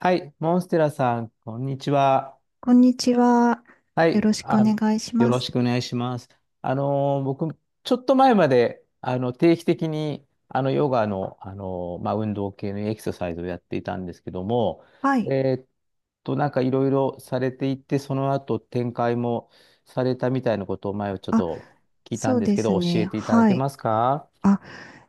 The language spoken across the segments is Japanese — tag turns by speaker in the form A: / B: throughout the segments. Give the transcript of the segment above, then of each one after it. A: はい、モンステラさん、こんにちは。
B: こんにちは。
A: は
B: よ
A: い、
B: ろしくお
A: あ、
B: 願いし
A: よ
B: ま
A: ろ
B: す。
A: しくお願いします。僕、ちょっと前まで、定期的に、ヨガの、まあ、運動系のエクササイズをやっていたんですけども、
B: はい。
A: えーっなんかいろいろされていて、その後展開もされたみたいなことを前をちょっ
B: あ、
A: と聞いた
B: そ
A: ん
B: う
A: です
B: で
A: け
B: す
A: ど、教え
B: ね。
A: ていただ
B: は
A: け
B: い。
A: ますか？
B: あ、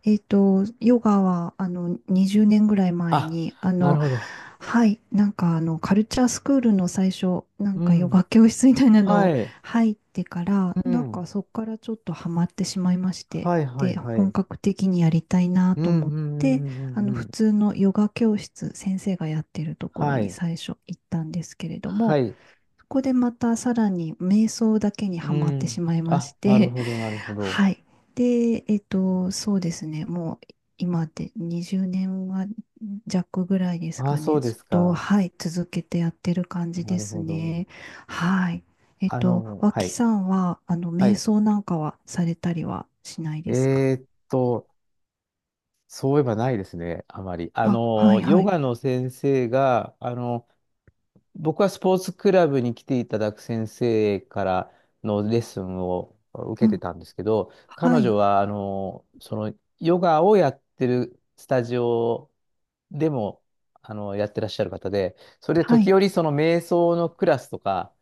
B: ヨガは、20年ぐらい前
A: あ、
B: に、
A: なるほど。
B: はい。カルチャースクールの最初、なん
A: う
B: か、ヨ
A: ん。
B: ガ教室みたいな
A: は
B: の
A: い。
B: 入ってから、
A: う
B: なん
A: ん。
B: か、そこからちょっとハマってしまいまして、
A: はいは
B: で、
A: いは
B: 本
A: い。
B: 格的にやりたいな
A: う
B: と
A: ん
B: 思っ
A: うんう
B: て、
A: んうんうんう
B: 普
A: ん。
B: 通のヨガ教室、先生がやってるところ
A: は
B: に
A: い。
B: 最初行ったんですけれど
A: は
B: も、
A: い。
B: そこでまたさらに瞑想だけに
A: う
B: はまってし
A: ん。
B: まいま
A: あ、
B: し
A: なる
B: て、
A: ほど、なるほ ど。
B: はい。で、そうですね、もう今で20年は弱ぐらいです
A: あ、
B: か
A: そ
B: ね、
A: うで
B: ずっ
A: す
B: と、
A: か。
B: はい、続けてやってる感じ
A: な
B: で
A: る
B: す
A: ほど。
B: ね。はい。
A: は
B: 脇
A: い。
B: さんは、
A: は
B: 瞑
A: い。
B: 想なんかはされたりはしないですか？
A: えーっと、そういえばないですね、あまり。
B: あ、はい、は
A: ヨ
B: い。
A: ガの先生が、僕はスポーツクラブに来ていただく先生からのレッスンを受
B: う
A: けて
B: ん、
A: たんですけど、
B: は
A: 彼女
B: い、
A: は、ヨガをやってるスタジオでも、やってらっしゃる方で、それで
B: は
A: 時
B: い、
A: 折、瞑想のクラスとか、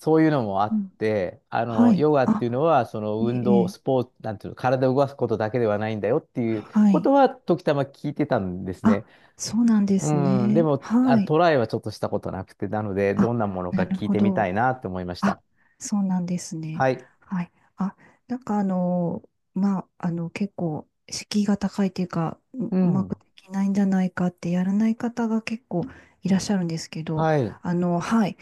A: そういうのもあ
B: う
A: っ
B: ん、
A: て、
B: はい。
A: ヨガって
B: あ、
A: いうのは、
B: え
A: 運
B: え、え
A: 動、
B: え、
A: スポーツ、なんていうの、体を動かすことだけではないんだよっていう
B: は
A: こ
B: い。
A: とは、時たま聞いてたんです
B: あ、
A: ね。
B: そうなんです
A: うん、で
B: ね。
A: も、あ、
B: はい。
A: トライはちょっとしたことなくて、なので、ど
B: あ、
A: んなものか
B: なる
A: 聞い
B: ほ
A: てみた
B: ど。
A: いなって思いまし
B: あ、
A: た。
B: そうなんですね。
A: はい。
B: はい。あ、なんか結構、敷居が高いというか、
A: う
B: うま
A: ん。
B: くできないんじゃないかってやらない方が結構いらっしゃるんですけど、
A: はい。
B: あの、はい。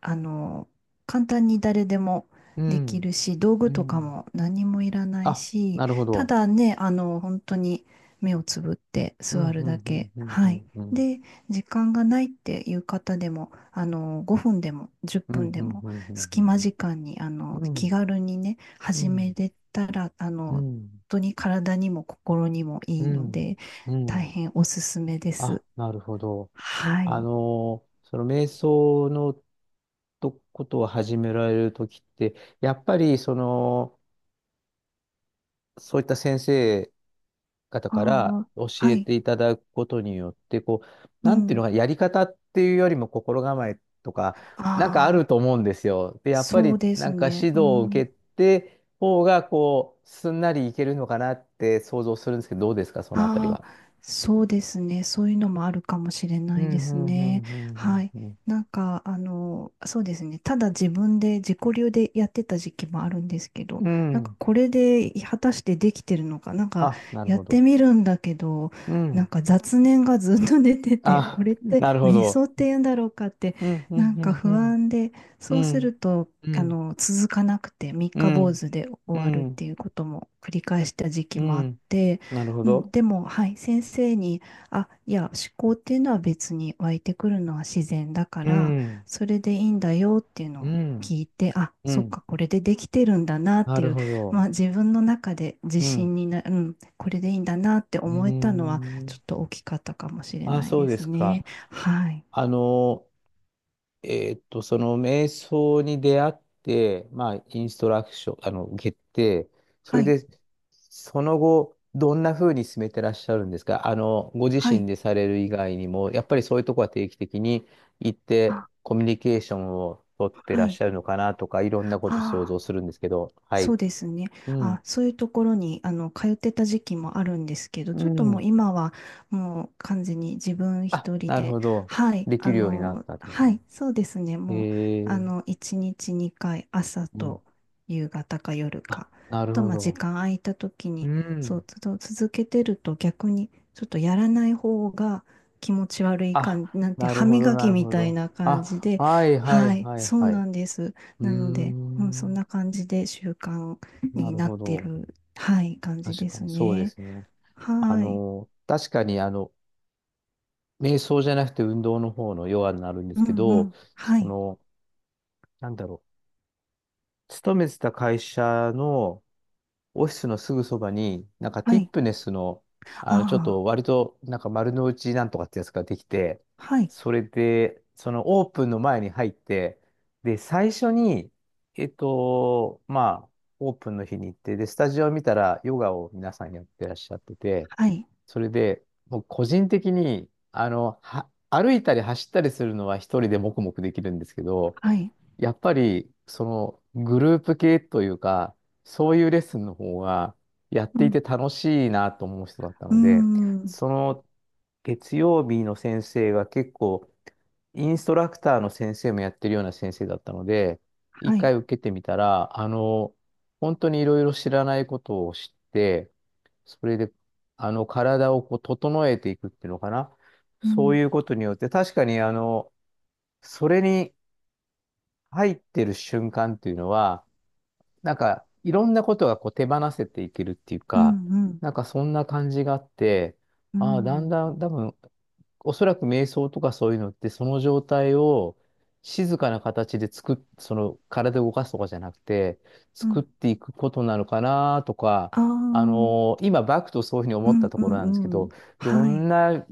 B: あの、簡単に誰でも
A: う
B: でき
A: ん。
B: るし、道
A: う
B: 具とか
A: ん。
B: も何もいらない
A: あ、
B: し、
A: なるほ
B: た
A: ど。
B: だね、あの、本当に目をつぶって
A: うん、
B: 座る
A: う
B: だ
A: ん、うん、
B: け。
A: うん、
B: はい。
A: うん、うん。
B: で、時間がないっていう方でも、あの、5分でも10
A: うん、
B: 分
A: う
B: で
A: ん、
B: も、
A: う
B: 隙間
A: ん、
B: 時間に、あの、
A: うん、うん。う
B: 気
A: ん、
B: 軽にね、
A: う
B: 始め
A: ん、
B: れたら、あ
A: う
B: の、
A: ん、
B: 本当に体にも心にもい
A: う
B: いの
A: ん。
B: で、
A: う
B: 大
A: ん、
B: 変おすすめで
A: あ、
B: す。
A: なるほど。
B: はい。
A: その瞑想のとことを始められるときって、やっぱり、そういった先生、方
B: あ
A: から
B: あ、
A: 教
B: は
A: え
B: い。
A: ていただくことによって、こう、
B: う
A: なんていうの
B: ん。
A: か、やり方っていうよりも心構えとか、なんかあ
B: あ
A: る
B: あ、
A: と思うんですよ。で、やっぱ
B: そ
A: り
B: うで
A: な
B: す
A: んか
B: ね。
A: 指
B: う
A: 導を受
B: ん。
A: けて、方がこう、すんなりいけるのかなって想像するんですけど、どうですか、そのあたり
B: あ
A: は。
B: あ、そうですね。そういうのもあるかもしれ
A: う
B: ないで
A: ん、う
B: す
A: ん、う
B: ね。は
A: ん、
B: い。
A: うん、
B: そうですね。ただ自分で自己流でやってた時期もあるんですけど、
A: うん。う
B: なんか
A: ん。
B: これで果たしてできてるのか、なんか
A: あ、なる
B: やっ
A: ほ
B: て
A: ど。
B: みるんだけど、
A: う
B: なん
A: ん。
B: か雑念がずっと出てて、こ
A: あ、
B: れって
A: なるほ
B: 瞑想
A: ど。
B: って言うんだろうかって、
A: うん、うん、
B: なんか
A: う
B: 不
A: ん、
B: 安で、
A: う
B: そうす
A: ん。
B: ると、
A: う
B: あ
A: ん、
B: の、続かなくて、三
A: う
B: 日坊
A: ん、
B: 主で
A: う
B: 終わる
A: ん、
B: っ
A: う
B: て
A: ん、
B: いうことも繰り返した時期
A: う
B: もあっ
A: ん、
B: て、
A: なるほ
B: うん、
A: ど。
B: でも、はい、先生に、あ、いや、思考っていうのは別に湧いてくるのは自然だか
A: う
B: ら、
A: ん。
B: それでいいんだよっていうの
A: う
B: を
A: ん。
B: 聞いて、あ、
A: う
B: そっ
A: ん。
B: か、これでできてるんだなっ
A: な
B: てい
A: る
B: う、
A: ほ
B: ま
A: ど。
B: あ自分の中で自
A: うん。
B: 信にな、うん、これでいいんだなって
A: うー
B: 思えたのは、ちょ
A: ん。
B: っと大きかったかもしれ
A: あ、
B: ない
A: そう
B: で
A: で
B: す
A: すか。
B: ね。はい。
A: あの、その瞑想に出会って、まあ、インストラクション、受けて、そ
B: は
A: れ
B: い。
A: で、その後、どんな風に進めてらっしゃるんですか？ご自
B: は
A: 身
B: い。
A: でされる以外にも、やっぱりそういうとこは定期的に行って、
B: あ、
A: コミュニケーションを取って
B: は
A: らっし
B: い。
A: ゃるのかなとか、いろんなこと想
B: ああ、
A: 像するんですけど、はい。
B: そうですね。
A: う
B: あ、
A: ん。
B: そういうところにあの通ってた時期もあるんですけど、
A: う
B: ちょっともう
A: ん。
B: 今はもう完全に自分
A: あ、
B: 一人
A: なる
B: で、
A: ほど。
B: はい、
A: でき
B: あ
A: るようになっ
B: の、
A: たってこと
B: は
A: ね。
B: い、そうですね。もう
A: へ
B: あ
A: え。
B: の1日2回、朝
A: うん。
B: と夕方か夜
A: あ、
B: か、
A: なる
B: と
A: ほ
B: まあ時
A: ど。
B: 間空いた時
A: う
B: に、
A: ん。
B: 続けてると逆にちょっとやらない方が気持ち悪い感じ、
A: あ、
B: なんて
A: なる
B: 歯
A: ほど、
B: 磨
A: な
B: き
A: る
B: み
A: ほ
B: たい
A: ど。
B: な感じ
A: あ、
B: で、
A: はいは
B: は
A: い
B: い、
A: はい
B: そう
A: はい。
B: な
A: う
B: んです。
A: ー
B: なので、うん、そん
A: ん。
B: な感じで習慣
A: な
B: に
A: る
B: な
A: ほ
B: って
A: ど。
B: る、はい、感じ
A: 確
B: で
A: か
B: す
A: にそうで
B: ね。
A: すね。
B: はい。
A: 確かに瞑想じゃなくて運動の方のヨガになるんで
B: う
A: すけ
B: んう
A: ど、
B: ん。は
A: そ
B: い。
A: の、なんだろう。勤めてた会社の、オフィスのすぐそばに、なんか
B: は
A: ティッ
B: い。
A: プネスの、ちょっ
B: あ
A: と割と、なんか丸の内なんとかってやつができて、
B: あ。はい。
A: それで、そのオープンの前に入って、で、最初に、まあ、オープンの日に行って、で、スタジオを見たら、ヨガを皆さんやってらっしゃってて、
B: はい。
A: それで、もう個人的に、歩いたり走ったりするのは一人で黙々できるんですけど、
B: はい。
A: やっぱり、グループ系というか、そういうレッスンの方が、やっ
B: う
A: てい
B: ん。
A: て楽しいなと思う人だった
B: うー
A: ので、
B: ん。
A: その、月曜日の先生が結構、インストラクターの先生もやってるような先生だったので、一
B: はい。
A: 回受けてみたら、本当にいろいろ知らないことを知って、それで、体をこう整えていくっていうのかな。
B: う
A: そう
B: ん。
A: いうことによって、確かに、それに入ってる瞬間っていうのは、なんかいろんなことがこう手放せていけるっていう
B: うん
A: か、
B: うん。
A: なんかそんな感じがあって、
B: う
A: ああ、だん
B: ん。
A: だん多分、おそらく瞑想とかそういうのって、その状態を静かな形でその体を動かすとかじゃなくて、
B: う
A: 作っ
B: ん。
A: ていくことなのかなとか、
B: ああ。
A: 今、バクとそういうふうに
B: う
A: 思った
B: ん
A: と
B: う
A: ころなんですけ
B: んうん。
A: ど、ど
B: は
A: ん
B: い。
A: な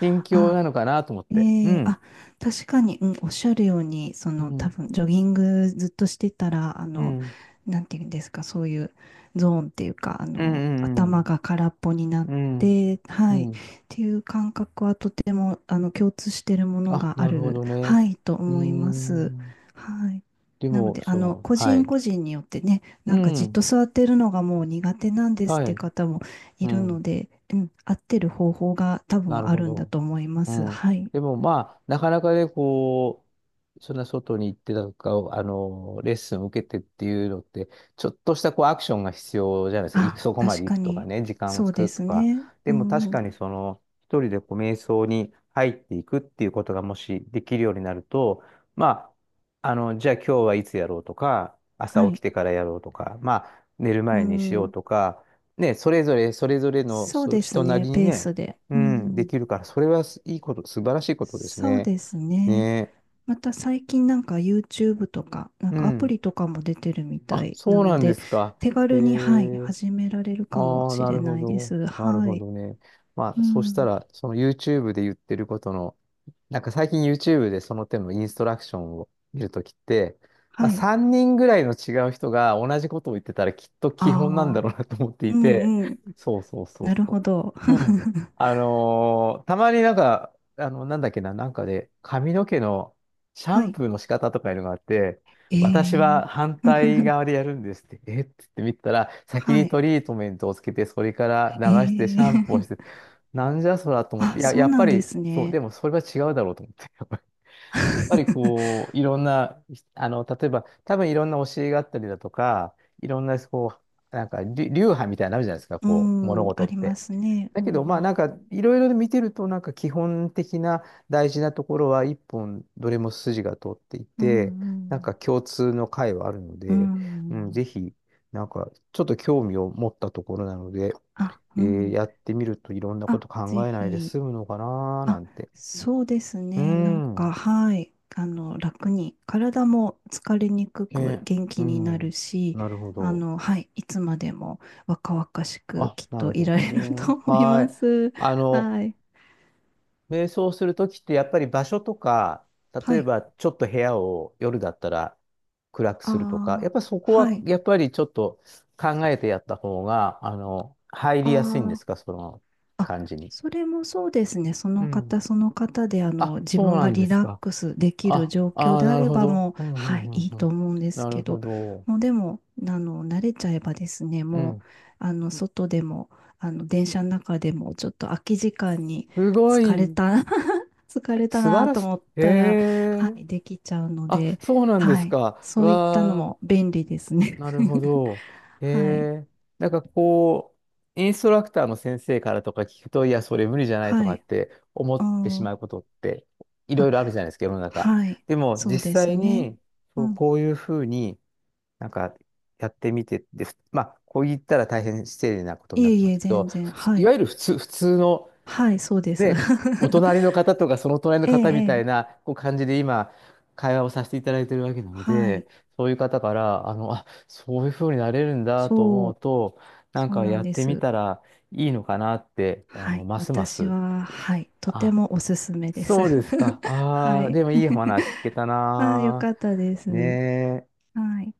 A: 心境
B: あ
A: なのかなと思って。う
B: ええ、
A: ん。
B: 確かに、うん、おっしゃるように、そ
A: う
B: の、多
A: ん。
B: 分、ジョギングずっとしてたら、あ
A: う
B: の、
A: ん。
B: なんていうんですか、そういうゾーンっていうか、あ
A: うん。う
B: の、
A: ん。う
B: 頭
A: ん。
B: が空っぽになっ
A: うん
B: て、
A: う
B: はい、っ
A: ん。
B: ていう感覚はとても、あの、共通しているもの
A: あ、
B: があ
A: なるほ
B: る、
A: どね。
B: はい、と
A: うー
B: 思います。
A: ん。
B: はい。
A: で
B: なの
A: も、
B: で、あの、個
A: は
B: 人
A: い。
B: 個人によってね、
A: う
B: なんかじっ
A: ん。
B: と座ってるのがもう苦手なんですっ
A: は
B: ていう
A: い。
B: 方もい
A: う
B: る
A: ん。
B: ので、うん、合ってる方法が多
A: な
B: 分
A: る
B: あ
A: ほ
B: るんだ
A: ど。
B: と思いま
A: う
B: す。
A: ん。
B: はい。
A: でもまあ、なかなかね、こう、そんな外に行ってなんか、レッスンを受けてっていうのって、ちょっとしたこうアクションが必要じゃないですか。
B: あ、
A: そこま
B: 確
A: で行
B: か
A: くとか
B: に。
A: ね、時間を
B: そう
A: 作
B: で
A: ると
B: す
A: か。
B: ね。
A: で
B: う
A: も確
B: ん。
A: かに一人でこう瞑想に入っていくっていうことがもしできるようになると、まあ、じゃあ今日はいつやろうとか、朝
B: は
A: 起き
B: い。
A: てからやろうとか、まあ、寝る
B: う
A: 前にしよう
B: ん。
A: とか、ね、それぞれ、それぞれの
B: そうです
A: 人な
B: ね。
A: りに
B: ペー
A: ね、
B: スで。
A: う
B: う
A: ん、で
B: ん。
A: きるから、それはいいこと、素晴らしいことです
B: そう
A: ね。
B: ですね。
A: ね
B: また最近なんか YouTube とか、なん
A: え。う
B: かアプ
A: ん。
B: リとかも出てるみた
A: あ、
B: いな
A: そう
B: の
A: なんで
B: で、
A: すか。
B: 手
A: え
B: 軽に、はい、
A: え。
B: 始められるかも
A: ああ、
B: し
A: な
B: れ
A: るほ
B: ないで
A: ど。
B: す。
A: なる
B: は
A: ほ
B: い。
A: どね。ま
B: う
A: あ、そした
B: ん。
A: ら、その YouTube で言ってることの、なんか最近 YouTube でその手のインストラクションを見るときって、ま
B: は
A: あ、
B: い。
A: 3人ぐらいの違う人が同じことを言ってたらきっと
B: あ
A: 基本なんだ
B: あ。
A: ろうなと思ってい
B: う
A: て、
B: んうん。
A: そうそうそう
B: なる
A: そ
B: ほど。
A: う。うん。たまになんか、なんだっけな、なんかで髪の毛のシャ
B: は
A: ン
B: い。
A: プーの仕方とかいうのがあって、
B: え
A: 私
B: ー。
A: は反対側 でやるんですって、えっって言ってみたら、先
B: は
A: に
B: い。
A: トリートメントをつけて、それから
B: え
A: 流してシャンプーをして、
B: ー。
A: なんじゃそらと 思っ
B: あ、
A: て、いや、
B: そ
A: や
B: う
A: っ
B: な
A: ぱ
B: んで
A: り、
B: す
A: そう、
B: ね。
A: でもそれは違うだろうと思って、やっぱり こう、いろんな、例えば、多分いろんな教えがあったりだとか、いろんな、こう、なんか、流派みたいになのあるじゃないですか、こう、物
B: うん、
A: 事
B: あ
A: っ
B: りま
A: て。
B: すね。
A: だ
B: う
A: けど、まあ、
B: ん、
A: なんか、いろいろ見てると、なんか、基本的な大事なところは、一本、どれも筋が通ってい
B: う
A: て、なん
B: ん、
A: か、共通の解はあるの
B: う
A: で、
B: ん、う
A: うん、ぜ
B: ん。
A: ひ、なんか、ちょっと興味を持ったところなので、
B: あ、うん。
A: やってみるといろんなこ
B: あ、
A: と
B: ぜ
A: 考えないで
B: ひ。
A: 済むのかなーな
B: あ、
A: んて。
B: そうです
A: う
B: ね。なん
A: ん。
B: か、はい。あの、楽に、体も疲れにくく
A: ね。
B: 元気
A: う
B: になる
A: ん。
B: し、
A: なるほ
B: あ
A: ど。
B: の、はい。いつまでも若々しく
A: あ、
B: きっ
A: な
B: と
A: る
B: い
A: ほ
B: ら
A: ど
B: れると
A: ね。
B: 思い
A: は
B: ま
A: い。
B: す。はい。
A: 瞑想するときってやっぱり場所とか、例
B: は
A: え
B: い。
A: ばちょっと部屋を夜だったら暗く
B: あ
A: するとか、やっ
B: あ、
A: ぱそこ
B: は
A: は
B: い。
A: やっぱりちょっと考えてやった方が、入
B: あ
A: りやすいんですか、
B: あ。
A: その
B: あ、
A: 感じに？
B: それもそうですね。そ
A: う
B: の
A: ん。
B: 方その方で、あの、
A: あ、
B: 自
A: そう
B: 分
A: な
B: が
A: んで
B: リ
A: す
B: ラッ
A: か。
B: クスできる
A: あ、
B: 状
A: あ
B: 況
A: あ、
B: であ
A: なる
B: れ
A: ほ
B: ば
A: ど。
B: もう、
A: うん、う
B: はい、
A: ん、う
B: い
A: ん、
B: い
A: う
B: と
A: ん。
B: 思うんです
A: なる
B: け
A: ほ
B: ど、
A: ど。
B: もうでも、あの、慣れちゃえばですね、
A: う
B: もう、
A: ん。
B: あの、外でも、あの、電車の中でも、ちょっと空き時間に
A: すご
B: 疲れ
A: い。
B: た、疲れた
A: 素晴
B: な
A: ら
B: と
A: し
B: 思っ
A: い。へ
B: たら、は
A: え。
B: い、できちゃうの
A: あ、
B: で、
A: そうなんで
B: は
A: す
B: い、
A: か。
B: そういったの
A: わあ、
B: も便利ですね。
A: なるほど。へ
B: はい、
A: え。なんかこう、インストラクターの先生からとか聞くと、いや、それ無理じゃないと
B: は
A: かっ
B: い、
A: て思
B: う
A: ってし
B: ん。
A: まうことって、いろ
B: あ、
A: いろあるじゃないですか、世の中。
B: はい。
A: でも、
B: そ
A: 実
B: うです
A: 際
B: ね。
A: に、
B: う
A: そう、
B: ん。
A: こういうふうに、なんか、やってみて、で、まあ、こう言ったら大変失礼なことに
B: い
A: な
B: え
A: っち
B: い
A: ゃうん
B: え、
A: ですけど、
B: 全然。
A: 普通、
B: は
A: い
B: い。
A: わゆる普通、普通の、
B: はい、そうです。
A: ね、お隣の 方とかその隣の
B: ええ、
A: 方みたい
B: ええ。
A: なこう感じで今、会話をさせていただいてるわけなの
B: は
A: で、
B: い。
A: そういう方から、あ、そういうふうになれるんだと
B: そ
A: 思う
B: う、
A: と、なん
B: そう
A: か
B: なん
A: やっ
B: で
A: てみ
B: す。
A: たらいいのかなって、
B: はい。
A: ますま
B: 私
A: す。
B: は、はい。とて
A: あ、
B: もおすすめです。
A: そうですか。
B: は
A: ああ、で
B: い。
A: もいい話聞けた
B: ああ、よ
A: な。
B: かったで
A: ね
B: す。
A: え。
B: はい。